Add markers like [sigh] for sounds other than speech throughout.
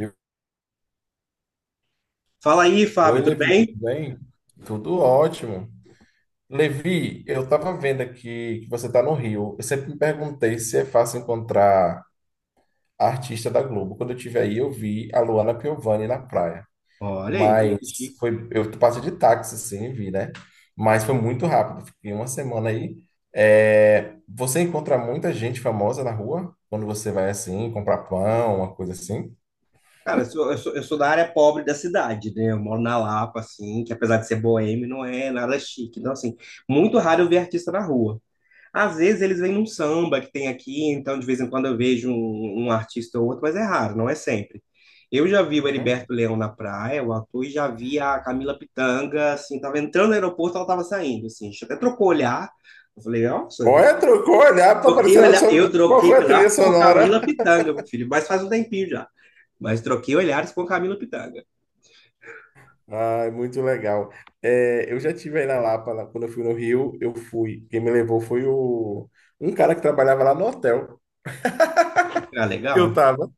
Viu? Fala aí, Oi, Fábio, tudo Levi, tudo bem? bem? Tudo ótimo. Levi, eu estava vendo aqui que você está no Rio. Eu sempre me perguntei se é fácil encontrar artista da Globo. Quando eu estive aí, eu vi a Luana Piovani na praia. Olha aí, ele que Mas chique. Eu passei de táxi, sim, e vi, né? Mas foi muito rápido, fiquei uma semana aí. É, você encontra muita gente famosa na rua quando você vai assim comprar pão, uma coisa assim? Cara, eu sou da área pobre da cidade, né? Eu moro na Lapa, assim, que apesar de ser boêmio, não é nada chique. Então, assim, muito raro eu ver artista na rua. Às vezes eles vêm num samba que tem aqui, então de vez em quando eu vejo um artista ou outro, mas é raro, não é sempre. Eu já vi o Uhum. Heriberto Leão na praia, o ator, e já vi a Camila Pitanga, assim, tava entrando no aeroporto, ela tava saindo, assim, a gente até trocou o olhar, eu falei, nossa, Olha, trocou o olhar, tá troquei o parecendo a olhar, sua... eu Qual troquei o foi a trilha olhar com sonora? Camila Pitanga, meu filho, mas faz um tempinho já, mas troquei olhares com Camila Pitanga, Ah, é muito legal. É, eu já tive aí na Lapa, quando eu fui no Rio, eu fui. Quem me levou foi o, Um cara que trabalhava lá no hotel ah, que eu legal, tava.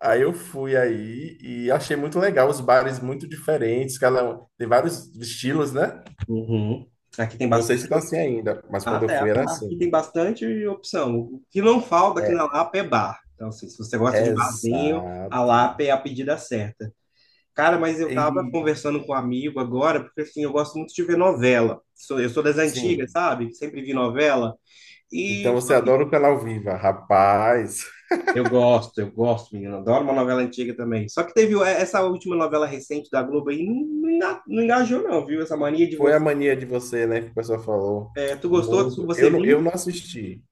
Aí eu fui aí e achei muito legal, os bares muito diferentes, tem vários estilos, né? uhum. Aqui tem Não sei bastante. se tá assim ainda, mas Ah, quando eu tá, ah, fui era tá. Aqui assim. tem bastante opção. O que não falta aqui na É, Lapa é bar. Então, assim, se você gosta de barzinho, a exato. Lapa é a pedida certa. Cara, mas eu tava E, conversando com um amigo agora, porque assim, eu gosto muito de ver novela. Eu sou das antigas, sim. sabe? Sempre vi novela. Então E você só que adora o canal ao Vivo, rapaz. Eu gosto, menino. Adoro uma novela antiga também. Só que teve é, essa última novela recente da Globo aí, não engajou, não, viu? Essa mania de Foi a você. Mania de Você, né, que o pessoal falou. É, tu gostou? Muito. Você Eu viu? não assisti,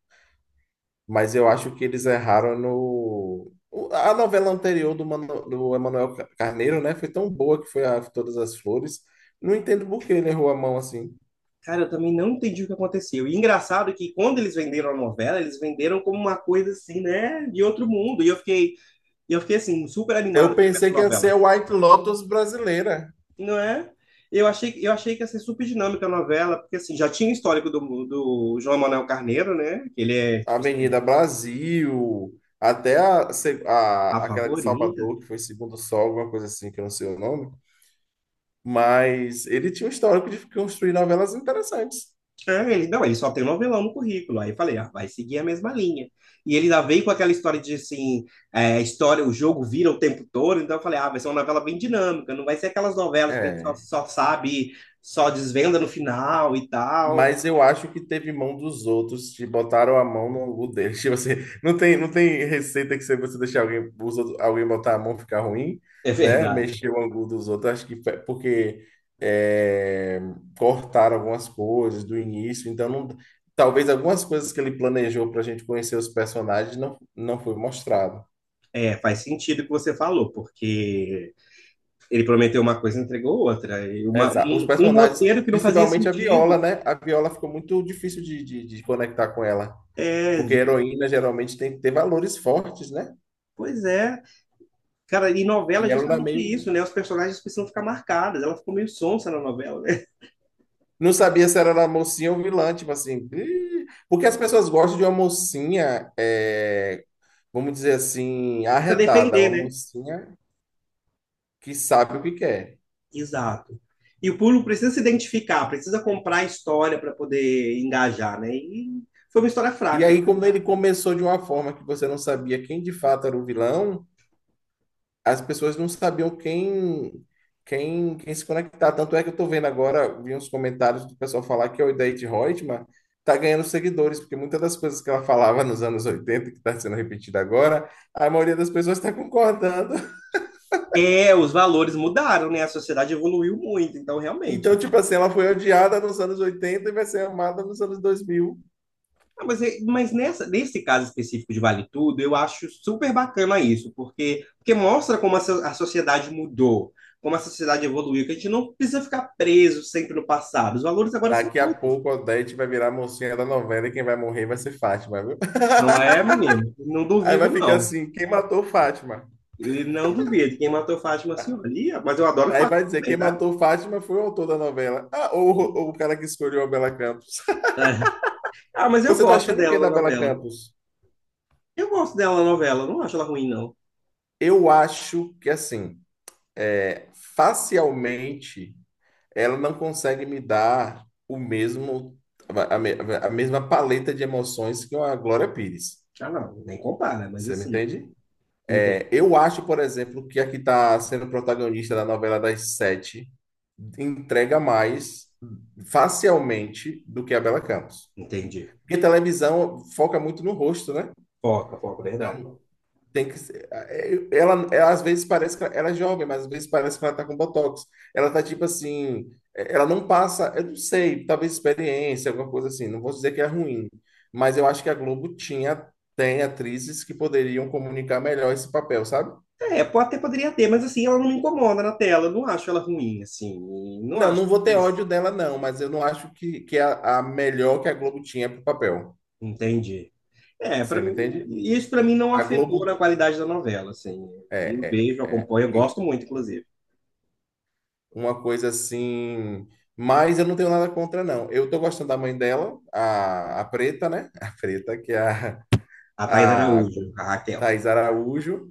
mas eu acho que eles erraram no. A novela anterior do, mano, do Carneiro, né, foi tão boa, que foi a Todas as Flores. Não entendo por que ele errou a mão assim. Cara, eu também não entendi o que aconteceu. E engraçado que quando eles venderam a novela, eles venderam como uma coisa assim, né, de outro mundo. E eu fiquei assim, super animado Eu para ver essa pensei que ia ser novela. a White Lotus brasileira. Não é? Eu achei que ia ser super dinâmica a novela, porque assim, já tinha o histórico do João Manuel Carneiro, né? Que ele é, tipo assim, Avenida Brasil, até a, se- a a- aquela de favorita, Salvador, que foi Segundo Sol, alguma coisa assim, que eu não sei o nome. Mas ele tinha um histórico de construir novelas interessantes. é, ele, não, ele só tem novelão no currículo. Aí eu falei, ah, vai seguir a mesma linha. E ele ainda veio com aquela história de assim, é, a história, o jogo vira o tempo todo, então eu falei, ah, vai ser uma novela bem dinâmica, não vai ser aquelas novelas que a gente É, só sabe, só desvenda no final e tal. mas eu acho que teve mão dos outros, te botaram a mão no angu deles. [laughs] Tipo assim, não tem receita que, se você deixar alguém, alguém botar a mão, ficar ruim, É né? verdade. Mexer o angu dos outros. Porque é, cortaram algumas coisas do início, talvez algumas coisas que ele planejou para a gente conhecer os personagens não foi mostrado. É, faz sentido o que você falou, porque ele prometeu uma coisa e entregou outra. Exato. Os Um personagens, roteiro que não fazia principalmente a Viola, sentido. né? A Viola ficou muito difícil de conectar com ela. É, Porque heroína geralmente tem que ter valores fortes, né? pois é. Cara, e novela é E ela era justamente meio. isso, né? Os personagens precisam ficar marcados. Ela ficou meio sonsa na novela, né? Não sabia se ela era mocinha ou vilã, tipo assim. "Ih", porque as pessoas gostam de uma mocinha, é, vamos dizer assim, [laughs] Pra arretada, defender, uma né? mocinha que sabe o que quer. Exato. E o público precisa se identificar, precisa comprar a história para poder engajar, né? E foi uma história E fraca. aí, quando ele começou de uma forma que você não sabia quem de fato era o vilão, as pessoas não sabiam quem se conectar. Tanto é que eu estou vendo agora, vi uns comentários do pessoal falar que a Odete Reutemann está ganhando seguidores, porque muitas das coisas que ela falava nos anos 80 que está sendo repetida agora, a maioria das pessoas está concordando. [laughs] É, os valores mudaram, né? A sociedade evoluiu muito, então Então, realmente. tipo assim, ela foi odiada nos anos 80 e vai ser amada nos anos dois mil. Ah, mas, mas nessa, nesse caso específico de Vale Tudo, eu acho super bacana isso, porque mostra como a sociedade mudou, como a sociedade evoluiu, que a gente não precisa ficar preso sempre no passado. Os valores agora são Daqui a outros. pouco a Odete vai virar a mocinha da novela, e quem vai morrer vai ser Fátima, viu? Não é, menino? Não [laughs] Aí duvido, vai ficar não. assim, quem matou Fátima? E não duvido. Quem matou Fátima Senhoria, mas eu adoro Aí Fátima vai dizer, também, quem tá? matou Fátima foi o autor da novela. Ah, ou o cara que escolheu a Bela Campos. Ah, mas [laughs] eu Você tá gosto achando o dela que na da Bela novela. Campos? Eu gosto dela na novela, não acho ela ruim, não. Eu acho que assim, é, facialmente, ela não consegue me dar o mesmo a, me- a mesma paleta de emoções que uma Glória Pires. Ah, não, nem compara, mas Você me assim, entende? entendo. É, eu acho, por exemplo, que a que está sendo protagonista da novela das sete entrega mais facialmente do que a Bela Campos. Entendi. Porque televisão foca muito no rosto, né? Foca, foca, verdade. Então tem que ser. É, ela é, às vezes parece que ela é jovem, mas às vezes parece que ela tá com botox. Ela tá tipo assim, é, ela não passa, eu não sei, talvez experiência, alguma coisa assim. Não vou dizer que é ruim, mas eu acho que a Globo tinha, tem atrizes que poderiam comunicar melhor esse papel, sabe? É, pode até poderia ter, mas assim, ela não me incomoda na tela. Eu não acho ela ruim, assim. Não Não, acho. não vou ter ódio dela, não, mas eu não acho que é a melhor que a Globo tinha pro papel. Entendi. É, pra Você me mim, entende? isso pra mim não A afetou na Globo. qualidade da novela, assim. É, Eu vejo, é, acompanho, eu é. gosto muito, inclusive. Uma coisa assim. Mas eu não tenho nada contra, não. Eu tô gostando da mãe dela, a Preta, né? [laughs] A Preta, que é A Thaís a Araújo, a Raquel. Thaís Araújo,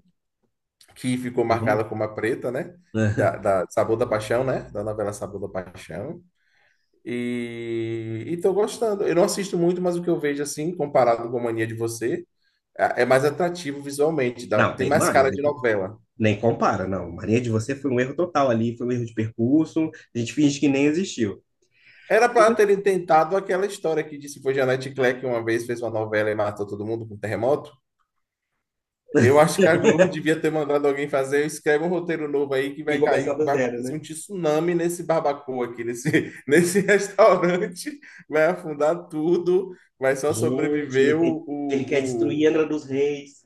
que ficou Eu marcada amo. como a Preta, né? [laughs] Da Sabor da Paixão, né? Da novela Sabor da Paixão. E tô gostando. Eu não assisto muito, mas o que eu vejo, assim, comparado com a Mania de Você, é mais atrativo visualmente. Não, Tem nem mais mais, cara de novela. nem compara, não. Maria de Você foi um erro total ali, foi um erro de percurso. A gente finge que nem existiu. Era para terem tentado aquela história que disse, foi Janete Claire que uma vez fez uma novela e matou todo mundo com um terremoto. Eu acho que a Globo devia ter mandado alguém fazer, escreve um roteiro novo aí, que E vai começar cair, do vai zero, acontecer um né? tsunami nesse barbacoa aqui, [laughs] nesse restaurante, vai afundar tudo, vai só Gente, sobreviver ele quer destruir o- Angra dos Reis.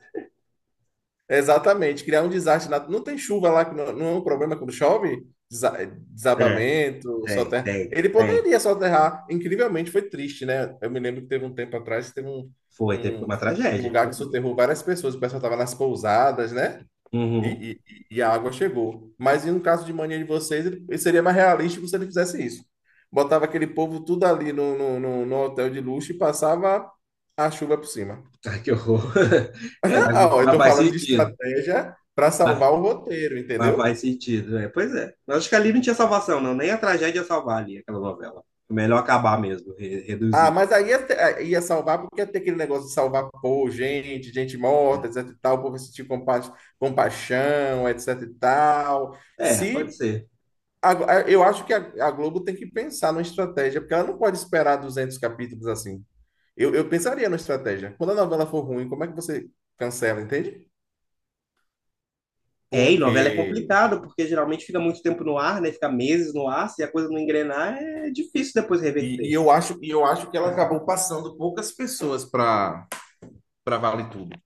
Exatamente, criar um desastre. Não tem chuva lá, que não, não é um problema quando chove? É, Desabamento, soterra. Ele tem. poderia soterrar. Incrivelmente, foi triste, né? Eu me lembro que teve um tempo atrás, Foi, teve um, uma um tragédia. lugar Eu que vi. soterrou várias pessoas. O pessoal estava nas pousadas, né? Uhum. E, e a água chegou. Mas no caso de Mania de Vocês, ele seria mais realístico se ele fizesse isso. Botava aquele povo tudo ali no hotel de luxo e passava a chuva por cima. Ai, que horror. [laughs] É, Não, eu mas estou faz falando de sentido. estratégia para Mas, salvar o roteiro, mas entendeu? faz sentido. É, pois é. Eu acho que ali não tinha salvação, não. Nem a tragédia ia salvar ali, aquela novela. É melhor acabar mesmo, reduzir. Aí ia salvar porque ia ter aquele negócio de salvar, pô, gente, gente morta, etc e tal, o povo sentir compaixão, etc e tal. É, pode Se, ser. a- Eu acho que a Globo tem que pensar numa estratégia, porque ela não pode esperar 200 capítulos assim. Eu pensaria numa estratégia. Quando a novela for ruim, como é que você cancela, entende? É, e novela é Porque... complicado, porque geralmente fica muito tempo no ar, né? Fica meses no ar, se a coisa não engrenar, é difícil depois reverter. E eu acho que ela acabou passando poucas pessoas para Vale Tudo.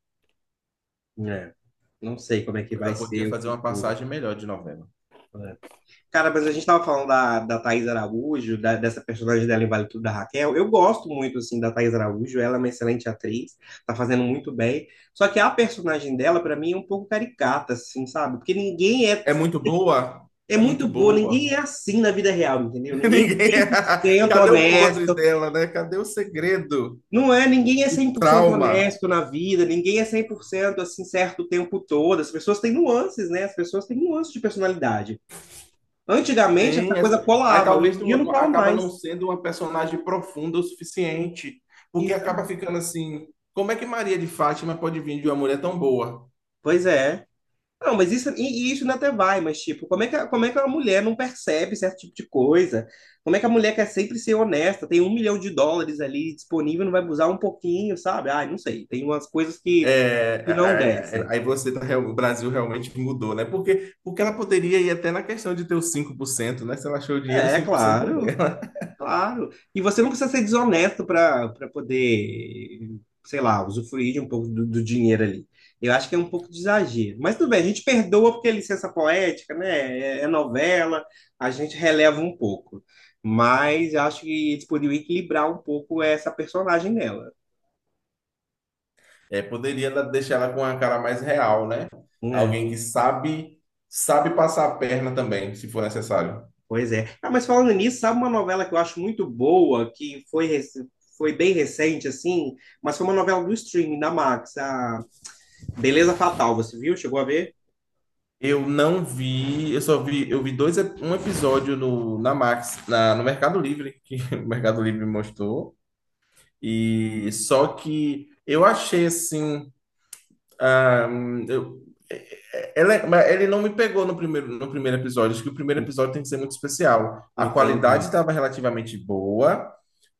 É. Não sei como é que vai Ela ser podia o fazer uma futuro. passagem melhor de novela. É. Cara, mas a gente tava falando da, Thaís Araújo, dessa personagem dela em Vale Tudo da Raquel. Eu gosto muito, assim, da Thaís Araújo. Ela é uma excelente atriz, tá fazendo muito bem. Só que a personagem dela, pra mim, é um pouco caricata, assim, sabe? Porque ninguém é, É muito boa? é É muito muito boa, boa. ninguém é assim na vida real, entendeu? [laughs] Ninguém é Ninguém. [laughs] 100% Cadê o podre honesto. dela, né? Cadê o segredo? Não é, ninguém é 100% Trauma. honesto na vida, ninguém é 100% assim certo o tempo todo. As pessoas têm nuances, né? As pessoas têm nuances de personalidade. Antigamente essa Tem. as- coisa Aí colava, hoje talvez em dia não não- cola acaba não mais. sendo uma personagem profunda o suficiente, porque acaba ficando assim. Como é que Maria de Fátima pode vir de uma mulher tão boa? Pois é. Não, mas isso, e isso ainda até vai, mas tipo, como é que, como é que a mulher não percebe certo tipo de coisa? Como é que a mulher quer sempre ser honesta? Tem US$ 1 milhão ali disponível, não vai abusar um pouquinho, sabe? Ai, não sei. Tem umas coisas que, não É, descem. aí você tá, o Brasil realmente mudou, né? Porque ela poderia ir até na questão de ter os 5%, né? Se ela achou o dinheiro, É, 5% é... claro. Claro. E você não precisa ser desonesto para poder, sei lá, usufruir de um pouco do, dinheiro ali. Eu acho que é um pouco de exagero. Mas tudo bem, a gente perdoa porque é licença poética, né? É novela, a gente releva um pouco. Mas eu acho que eles poderiam equilibrar um pouco essa personagem dela, É, deixar ela com uma cara mais real, né? né? Alguém que sabe passar a perna também, se for necessário. Pois é. Ah, mas falando nisso, sabe uma novela que eu acho muito boa, que foi, foi bem recente, assim, mas foi uma novela do streaming, da Max, a Beleza Fatal. Você viu? Chegou a ver? Eu não vi, eu vi um episódio na Max, no Mercado Livre, que [laughs] o Mercado Livre mostrou, e só que eu achei assim. Ah, eu- mas ele não me pegou no primeiro episódio. Acho que o primeiro episódio tem que ser muito especial. A qualidade Entendi, estava relativamente boa,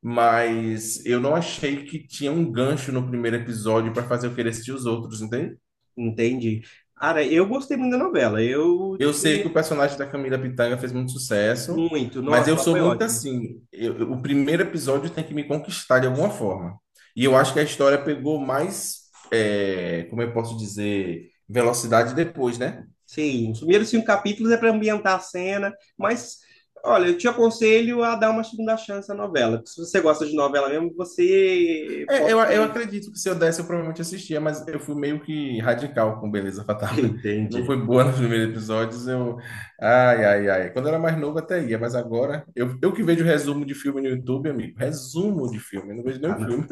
mas eu não achei que tinha um gancho no primeiro episódio para fazer eu querer assistir os outros, entende? entendi. Cara, eu gostei muito da novela. Eu Eu sei que gostei o personagem da Camila Pitanga fez muito sucesso, muito. mas Nossa, eu lá sou foi muito ótimo. assim. O primeiro episódio tem que me conquistar de alguma forma. E eu acho que a história pegou mais, é, como eu posso dizer, velocidade depois, né? Sim, os primeiros cinco capítulos é para ambientar a cena, mas olha, eu te aconselho a dar uma segunda chance à novela, porque se você gosta de novela mesmo, você É, eu pode. acredito que, se eu desse, eu provavelmente assistia, mas eu fui meio que radical com Beleza [laughs] Fatal. [laughs] Não foi Entendi. boa nos primeiros episódios, eu... Ai, ai, ai. Quando eu era mais novo até ia, mas agora... eu que vejo resumo de filme no YouTube, amigo. Resumo de filme, eu não vejo Ah, nenhum não. filme.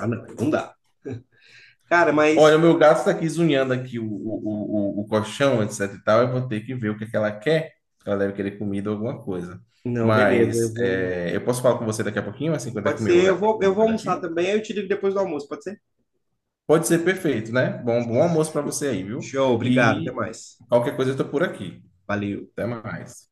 Ah, não, aí não dá. Cara, [laughs] mas Olha, o meu gato está aqui zunhando aqui o colchão, etc e tal. Eu vou ter que ver é que ela quer. Ela deve querer comida ou alguma coisa. não, beleza. Mas Eu vou. é, eu posso falar com você daqui a pouquinho, assim, quando é Pode comer ser, o eu comer vou o almoçar gatinho? também, aí eu te ligo depois do almoço, pode ser? Pode ser perfeito, né? Bom, bom almoço para você aí, viu? Show, obrigado, até E mais. qualquer coisa eu tô por aqui. Valeu. Até mais.